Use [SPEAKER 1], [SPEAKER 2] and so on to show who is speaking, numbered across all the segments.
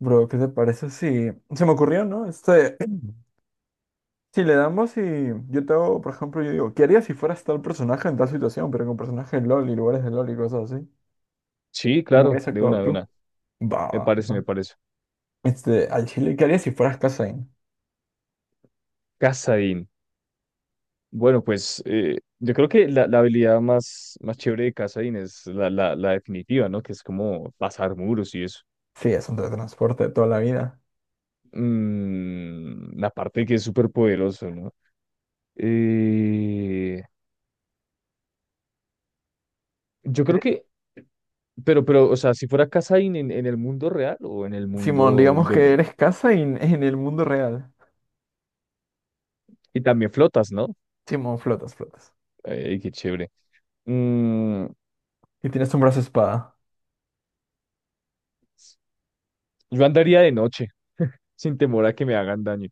[SPEAKER 1] Bro, ¿qué te parece Se me ocurrió, ¿no? Si le damos y yo te hago, por ejemplo, yo digo, ¿qué harías si fueras tal personaje en tal situación, pero con personajes de LOL y lugares de LOL y cosas así?
[SPEAKER 2] Sí,
[SPEAKER 1] ¿Cómo
[SPEAKER 2] claro,
[SPEAKER 1] hubieras
[SPEAKER 2] de una,
[SPEAKER 1] actuado
[SPEAKER 2] de
[SPEAKER 1] tú?
[SPEAKER 2] una.
[SPEAKER 1] Va,
[SPEAKER 2] Me
[SPEAKER 1] va,
[SPEAKER 2] parece,
[SPEAKER 1] va.
[SPEAKER 2] me parece.
[SPEAKER 1] Al Chile, ¿qué harías si fueras Kazain?
[SPEAKER 2] Kassadin. Bueno, pues yo creo que la habilidad más chévere de Kassadin es la definitiva, ¿no? Que es como pasar muros y eso.
[SPEAKER 1] Sí, es un teletransporte de toda la vida.
[SPEAKER 2] Mm, la parte que es súper poderoso, ¿no? Eh, yo creo
[SPEAKER 1] Eres-
[SPEAKER 2] que, pero, o sea, si fuera Kassadin en el mundo real o en el
[SPEAKER 1] Simón,
[SPEAKER 2] mundo
[SPEAKER 1] digamos
[SPEAKER 2] de
[SPEAKER 1] que
[SPEAKER 2] LOL.
[SPEAKER 1] eres Kazain en el mundo real.
[SPEAKER 2] Y también flotas, ¿no?
[SPEAKER 1] Simón, flotas, flotas.
[SPEAKER 2] Ay, qué chévere. Mm,
[SPEAKER 1] Y tienes un brazo espada.
[SPEAKER 2] yo andaría de noche, sin temor a que me hagan daño,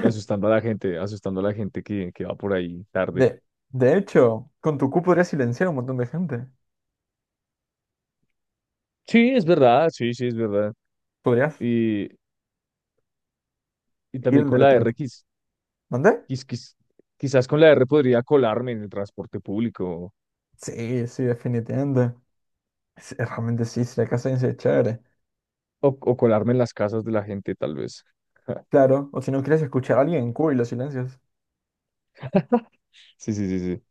[SPEAKER 2] y asustando a la gente, asustando a la gente que va por ahí tarde.
[SPEAKER 1] De, de hecho, con tu Q podrías silenciar a un montón de gente.
[SPEAKER 2] Sí, es verdad, sí, sí, es verdad.
[SPEAKER 1] Podrías
[SPEAKER 2] Y, y también
[SPEAKER 1] ir
[SPEAKER 2] con la R,
[SPEAKER 1] teletransporte. ¿Mandé?
[SPEAKER 2] quiz- quiz- quizás con la R podría colarme en el transporte público
[SPEAKER 1] Sí, sí, definitivamente. Realmente sí, si la casa es chévere.
[SPEAKER 2] o colarme en las casas de la gente, tal vez.
[SPEAKER 1] Claro, o si no quieres escuchar a alguien, cool, los silencios.
[SPEAKER 2] Sí, sí, sí, sí.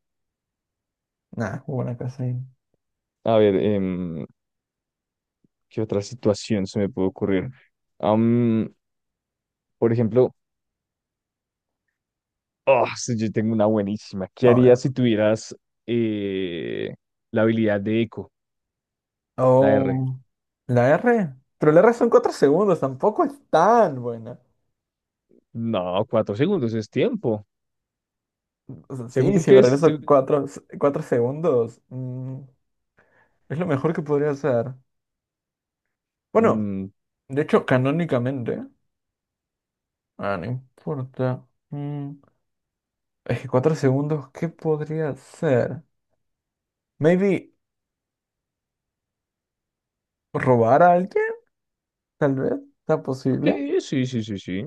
[SPEAKER 1] Nah, buena casa.
[SPEAKER 2] A ver, ¿qué otra situación se me puede ocurrir? Am, por ejemplo, ah, sí, yo tengo una buenísima. ¿Qué
[SPEAKER 1] A ver.
[SPEAKER 2] harías si tuvieras eh, la habilidad de eco, la R?
[SPEAKER 1] Oh, la R. Pero la R son 4 segundos, tampoco es tan buena.
[SPEAKER 2] No, cuatro segundos es tiempo.
[SPEAKER 1] O sea, sí,
[SPEAKER 2] Según
[SPEAKER 1] si
[SPEAKER 2] que
[SPEAKER 1] me
[SPEAKER 2] es.
[SPEAKER 1] regreso cuatro segundos, es lo mejor que podría hacer. Bueno,
[SPEAKER 2] Mm,
[SPEAKER 1] de hecho, canónicamente, ah, no importa. Es que 4 segundos, ¿qué podría hacer? Maybe robar a alguien. Tal vez sea posible.
[SPEAKER 2] sí, sí, sí, sí, sí.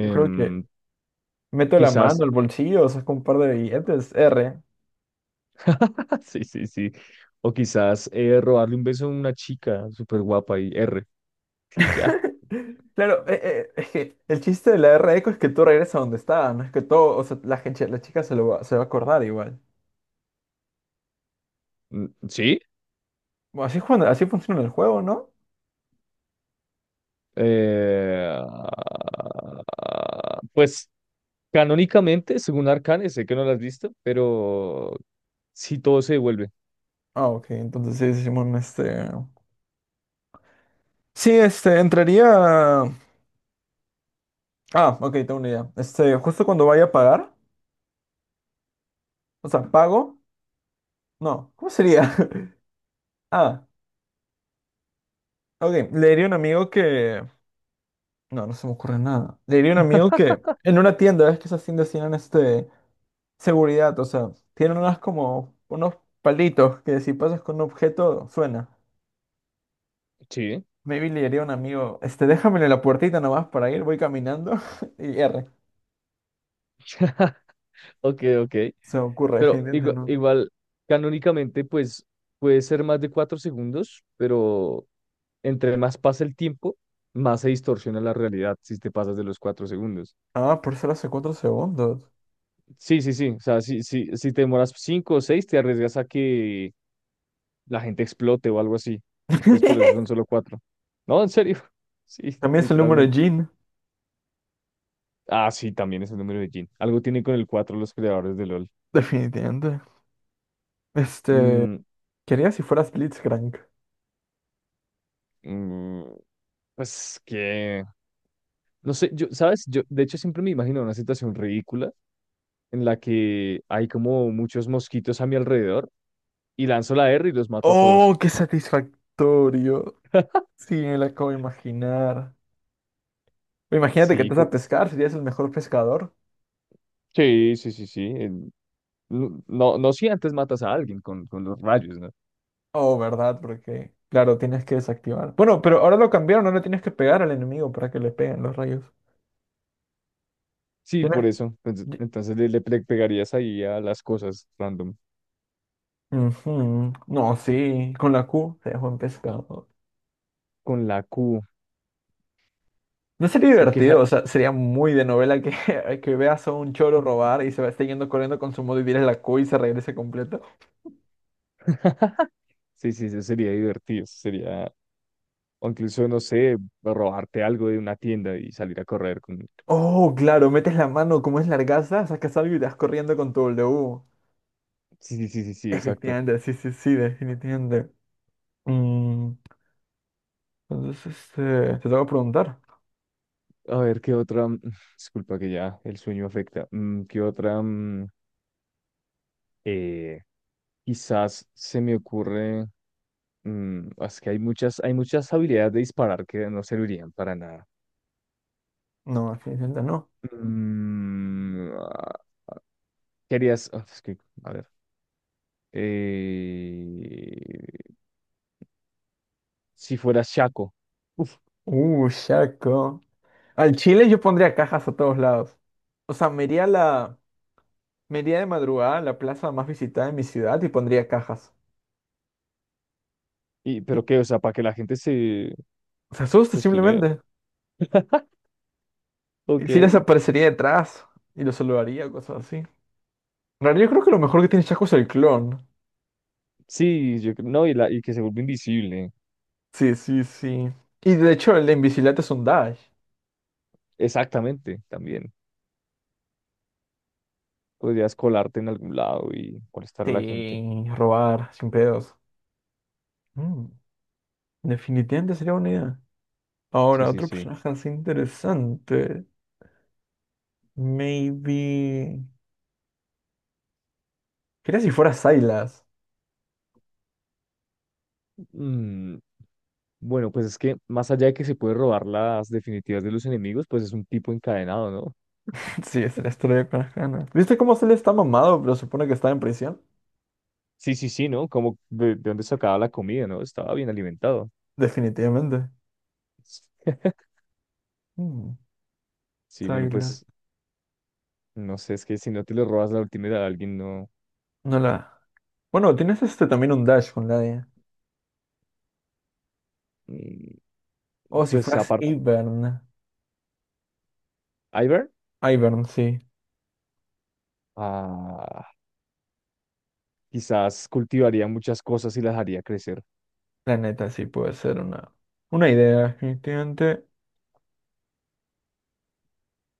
[SPEAKER 1] Yo creo que meto la mano
[SPEAKER 2] quizás.
[SPEAKER 1] al bolsillo, saco un par de billetes, R.
[SPEAKER 2] Sí, sí, sí. O quizás robarle un beso a una chica súper guapa y R. Y ya.
[SPEAKER 1] Claro, es que el chiste de la R eco es que tú regresas a donde está, no es que todo, o sea, la gente, la chica se lo va, se va a acordar igual.
[SPEAKER 2] Mm. Sí.
[SPEAKER 1] Bueno, así funciona el juego, ¿no?
[SPEAKER 2] Eh, ah, pues canónicamente, según Arcane, sé que no la has visto, pero sí todo se devuelve.
[SPEAKER 1] Ah, ok, entonces sí, decimos. Sí, entraría. Ah, ok, tengo una idea. Justo cuando vaya a pagar, o sea, pago, no, ¿cómo sería? Ah, ok, le diría a un amigo que. No, no se me ocurre nada. Le diría a un amigo que en una tienda, ves que esas tiendas tienen seguridad, o sea, tienen unas como unos palitos que si pasas con un objeto suena.
[SPEAKER 2] Sí.
[SPEAKER 1] Maybe le diría a un amigo, déjamelo la puertita nomás para ir, voy caminando y R.
[SPEAKER 2] Ok, ok.
[SPEAKER 1] Se me ocurre,
[SPEAKER 2] Pero
[SPEAKER 1] definitivamente no.
[SPEAKER 2] igual, canónicamente, pues puede ser más de cuatro segundos, pero entre más pasa el tiempo, más se distorsiona la realidad si te pasas de los cuatro segundos.
[SPEAKER 1] Ah, por ser hace 4 segundos.
[SPEAKER 2] Sí, sí, sí. O sea, si te demoras cinco o seis, te arriesgas a que la gente explote o algo así. Entonces, por eso son solo cuatro. No, en serio. Sí,
[SPEAKER 1] También es el número de
[SPEAKER 2] literalmente.
[SPEAKER 1] Jean,
[SPEAKER 2] Ah, sí, también es el número de Jin. Algo tienen con el cuatro los creadores de LOL.
[SPEAKER 1] definitivamente. Este,
[SPEAKER 2] Mm,
[SPEAKER 1] quería si fueras Blitzcrank.
[SPEAKER 2] mm, Pues que, no sé, yo, ¿sabes? Yo, de hecho, siempre me imagino una situación ridícula en la que hay como muchos mosquitos a mi alrededor y lanzo la R y los mato a todos.
[SPEAKER 1] Oh, qué satisfactorio. Sí, me lo acabo de imaginar. Imagínate que
[SPEAKER 2] Sí,
[SPEAKER 1] estás a
[SPEAKER 2] como-
[SPEAKER 1] pescar, serías el mejor pescador.
[SPEAKER 2] sí, sí, sí, sí. No, no, no si antes matas a alguien con los rayos, ¿no?
[SPEAKER 1] Oh, ¿verdad? Porque, claro, tienes que desactivar. Bueno, pero ahora lo cambiaron, ahora tienes que pegar al enemigo para que le peguen los rayos.
[SPEAKER 2] Sí, por
[SPEAKER 1] Tienes-
[SPEAKER 2] eso. Entonces,
[SPEAKER 1] ye-
[SPEAKER 2] entonces pegarías ahí a las cosas random
[SPEAKER 1] Ujú. No, sí, con la Q se dejó en pescado.
[SPEAKER 2] con la Q.
[SPEAKER 1] No sería
[SPEAKER 2] Se
[SPEAKER 1] divertido,
[SPEAKER 2] queja.
[SPEAKER 1] o sea, sería muy de novela que, que veas a un choro robar y se va esté yendo corriendo con su modo y tires la Q y se regrese completo.
[SPEAKER 2] Sí, sí, eso sería divertido. Eso sería, o incluso, no sé, robarte algo de una tienda y salir a correr con...
[SPEAKER 1] Oh, claro, metes la mano, como es largaza, sacas algo y te vas corriendo con tu W.
[SPEAKER 2] Sí, sí, sí, sí, sí, exacto.
[SPEAKER 1] Efectivamente, sí, sí, sí, definitivamente. Mm, Entonces, te tengo que preguntar.
[SPEAKER 2] A ver, ¿qué otra? Disculpa que ya el sueño afecta. ¿Qué otra? Eh, quizás se me ocurre, ah, es que hay muchas habilidades de disparar que no servirían para nada.
[SPEAKER 1] No, definitivamente no.
[SPEAKER 2] Mm, ah, ¿Qué harías? Ah, es que, a ver, eh, si fueras Shaco, uf,
[SPEAKER 1] Shaco. Al Chile yo pondría cajas a todos lados. O sea, me iría de madrugada a la plaza más visitada de mi ciudad y pondría cajas.
[SPEAKER 2] y, pero
[SPEAKER 1] Sí,
[SPEAKER 2] qué, o sea, para que la gente se,
[SPEAKER 1] se asusta
[SPEAKER 2] se estunee.
[SPEAKER 1] simplemente. Y
[SPEAKER 2] Ok,
[SPEAKER 1] si les aparecería detrás y los saludaría, cosas así. En realidad yo creo que lo mejor que tiene Shaco es el clon.
[SPEAKER 2] sí, yo, no, y, la, y que se vuelva invisible.
[SPEAKER 1] Sí, sí, sí. Y de hecho el de invisibilidad es un dash.
[SPEAKER 2] Exactamente, también. Podrías colarte en algún lado y molestar a la gente.
[SPEAKER 1] Sí, robar, sin pedos. Mm, definitivamente sería una idea.
[SPEAKER 2] Sí,
[SPEAKER 1] Ahora,
[SPEAKER 2] sí,
[SPEAKER 1] otro
[SPEAKER 2] sí.
[SPEAKER 1] personaje así interesante. Maybe. Quería si fuera Silas.
[SPEAKER 2] Mm, bueno, pues es que más allá de que se puede robar las definitivas de los enemigos, pues es un tipo encadenado, ¿no?
[SPEAKER 1] Sí, es la historia con las ganas. ¿Viste cómo se le está mamado, pero supone que está en prisión?
[SPEAKER 2] Sí, sí, sí, ¿no? Como de dónde sacaba la comida, ¿no? Estaba bien alimentado.
[SPEAKER 1] Definitivamente. Mm,
[SPEAKER 2] Sí, bueno,
[SPEAKER 1] Silas.
[SPEAKER 2] pues no sé, es que si no te le robas la última de alguien, no.
[SPEAKER 1] No la. Bueno, tienes también un dash con la de.
[SPEAKER 2] Mm.
[SPEAKER 1] O si
[SPEAKER 2] Pues
[SPEAKER 1] fueras
[SPEAKER 2] aparte,
[SPEAKER 1] Ivern.
[SPEAKER 2] Ivar,
[SPEAKER 1] Ivern, sí.
[SPEAKER 2] ah, quizás cultivaría muchas cosas y las haría crecer.
[SPEAKER 1] La neta, sí puede ser una. Una idea, definitivamente.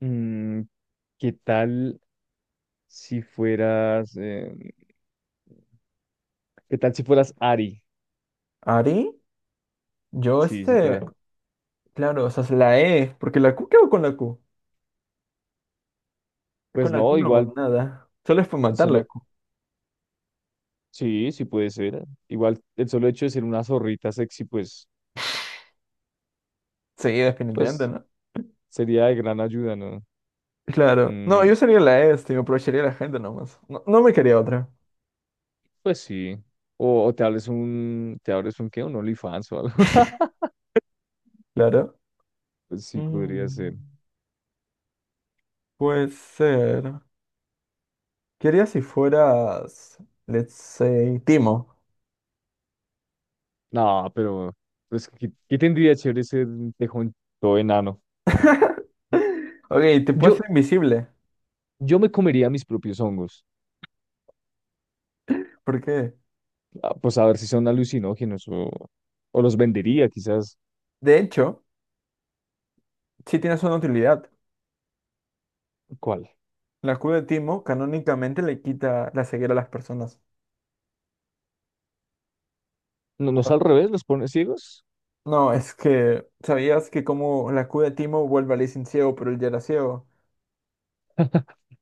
[SPEAKER 2] Mm, ¿qué tal si fueras... ¿qué tal si fueras Ari?
[SPEAKER 1] ¿Ari? Yo
[SPEAKER 2] Sí, sí,
[SPEAKER 1] este.
[SPEAKER 2] fuera.
[SPEAKER 1] Claro, o sea, es la E. Porque la Q, ¿qué hago con la Q? Con
[SPEAKER 2] Pues
[SPEAKER 1] la Q
[SPEAKER 2] no,
[SPEAKER 1] no hago
[SPEAKER 2] igual,
[SPEAKER 1] nada. Solo es para matar la
[SPEAKER 2] solo,
[SPEAKER 1] q.
[SPEAKER 2] sí, sí puede ser. Igual, el solo hecho de ser una zorrita sexy, pues,
[SPEAKER 1] Sí, definitivamente,
[SPEAKER 2] pues,
[SPEAKER 1] ¿no?
[SPEAKER 2] sería de gran ayuda, ¿no?
[SPEAKER 1] Claro. No,
[SPEAKER 2] Mm,
[SPEAKER 1] yo sería la, me aprovecharía de la gente nomás. No, no me quería otra.
[SPEAKER 2] pues sí. O te abres un, ¿qué? Un OnlyFans o algo.
[SPEAKER 1] Claro.
[SPEAKER 2] Pues sí, podría ser.
[SPEAKER 1] Mm, puede ser. Quería si fueras, let's say, Timo.
[SPEAKER 2] No, pero, pues, ¿qué, qué tendría chévere ser un tejón todo enano?
[SPEAKER 1] Ok, te puedes
[SPEAKER 2] Yo,
[SPEAKER 1] ser invisible.
[SPEAKER 2] yo me comería mis propios hongos.
[SPEAKER 1] ¿Por qué?
[SPEAKER 2] Ah, pues a ver si son alucinógenos o los vendería, quizás.
[SPEAKER 1] De hecho, sí tienes una utilidad.
[SPEAKER 2] ¿Cuál?
[SPEAKER 1] La escudo de Timo canónicamente le quita la ceguera a las personas.
[SPEAKER 2] No, no es
[SPEAKER 1] Ah,
[SPEAKER 2] al revés, los pone ciegos.
[SPEAKER 1] no, es que, ¿sabías que como la escudo de Timo vuelve a Lee sin ciego, pero él ya era ciego?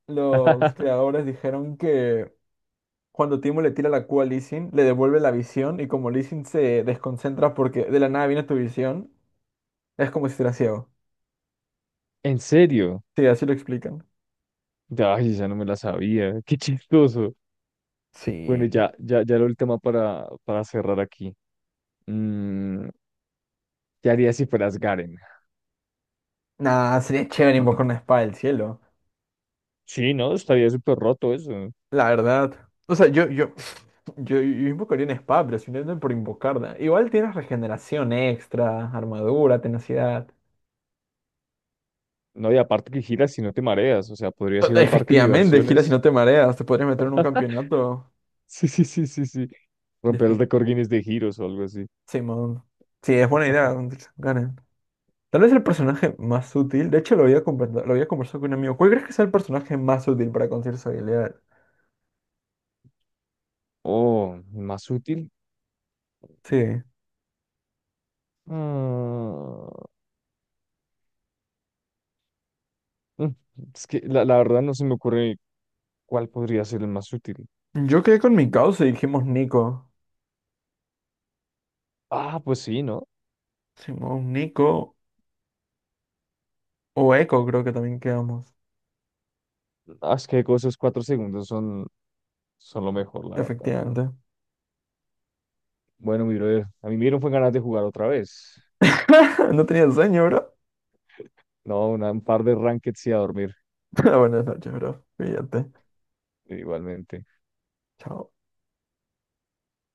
[SPEAKER 1] Los creadores dijeron que cuando Timo le tira la Q a Lee Sin, le devuelve la visión y como Lee Sin se desconcentra porque de la nada viene tu visión, es como si estuviera ciego.
[SPEAKER 2] En serio.
[SPEAKER 1] Sí, así lo explican.
[SPEAKER 2] Ay, ya no me la sabía. Qué chistoso.
[SPEAKER 1] Sí.
[SPEAKER 2] Bueno, ya, ya, ya lo último para cerrar aquí. Mm, ¿Qué harías si fueras Garen?
[SPEAKER 1] Nah, sería chévere invocar una espada del cielo.
[SPEAKER 2] Sí, no, estaría súper roto eso.
[SPEAKER 1] La verdad. O sea, yo, yo invocaría una espada, pero si no es por invocarla. Igual tienes regeneración extra, armadura, tenacidad.
[SPEAKER 2] No, y aparte que giras y no te mareas. O sea, podrías ir al parque de
[SPEAKER 1] Efectivamente, gira si
[SPEAKER 2] diversiones.
[SPEAKER 1] no te mareas, te podrías meter en un campeonato.
[SPEAKER 2] Sí, sí, sí, sí, sí. Romper el
[SPEAKER 1] Defi-
[SPEAKER 2] récord Guinness de giros o algo así.
[SPEAKER 1] Simón. Sí, es buena idea. Gane. Tal vez el personaje más útil, de hecho lo había conversado con un amigo, ¿cuál crees que sea el personaje más útil para conseguir su habilidad?
[SPEAKER 2] Oh, más útil.
[SPEAKER 1] Sí.
[SPEAKER 2] Ah, mm, es que la verdad no se me ocurre cuál podría ser el más útil.
[SPEAKER 1] Yo quedé con mi causa y dijimos Nico.
[SPEAKER 2] Ah, pues sí, ¿no?
[SPEAKER 1] Dijimos Nico o Echo creo que también quedamos.
[SPEAKER 2] Ah, es que esos cuatro segundos son, son lo mejor, la verdad.
[SPEAKER 1] Efectivamente.
[SPEAKER 2] Bueno, mi brother, a mí me dieron fue ganas de jugar otra vez.
[SPEAKER 1] No tenía sueño, bro.
[SPEAKER 2] No, un par de rankeds y a dormir,
[SPEAKER 1] Buenas noches, bro. Fíjate.
[SPEAKER 2] igualmente.
[SPEAKER 1] Chao.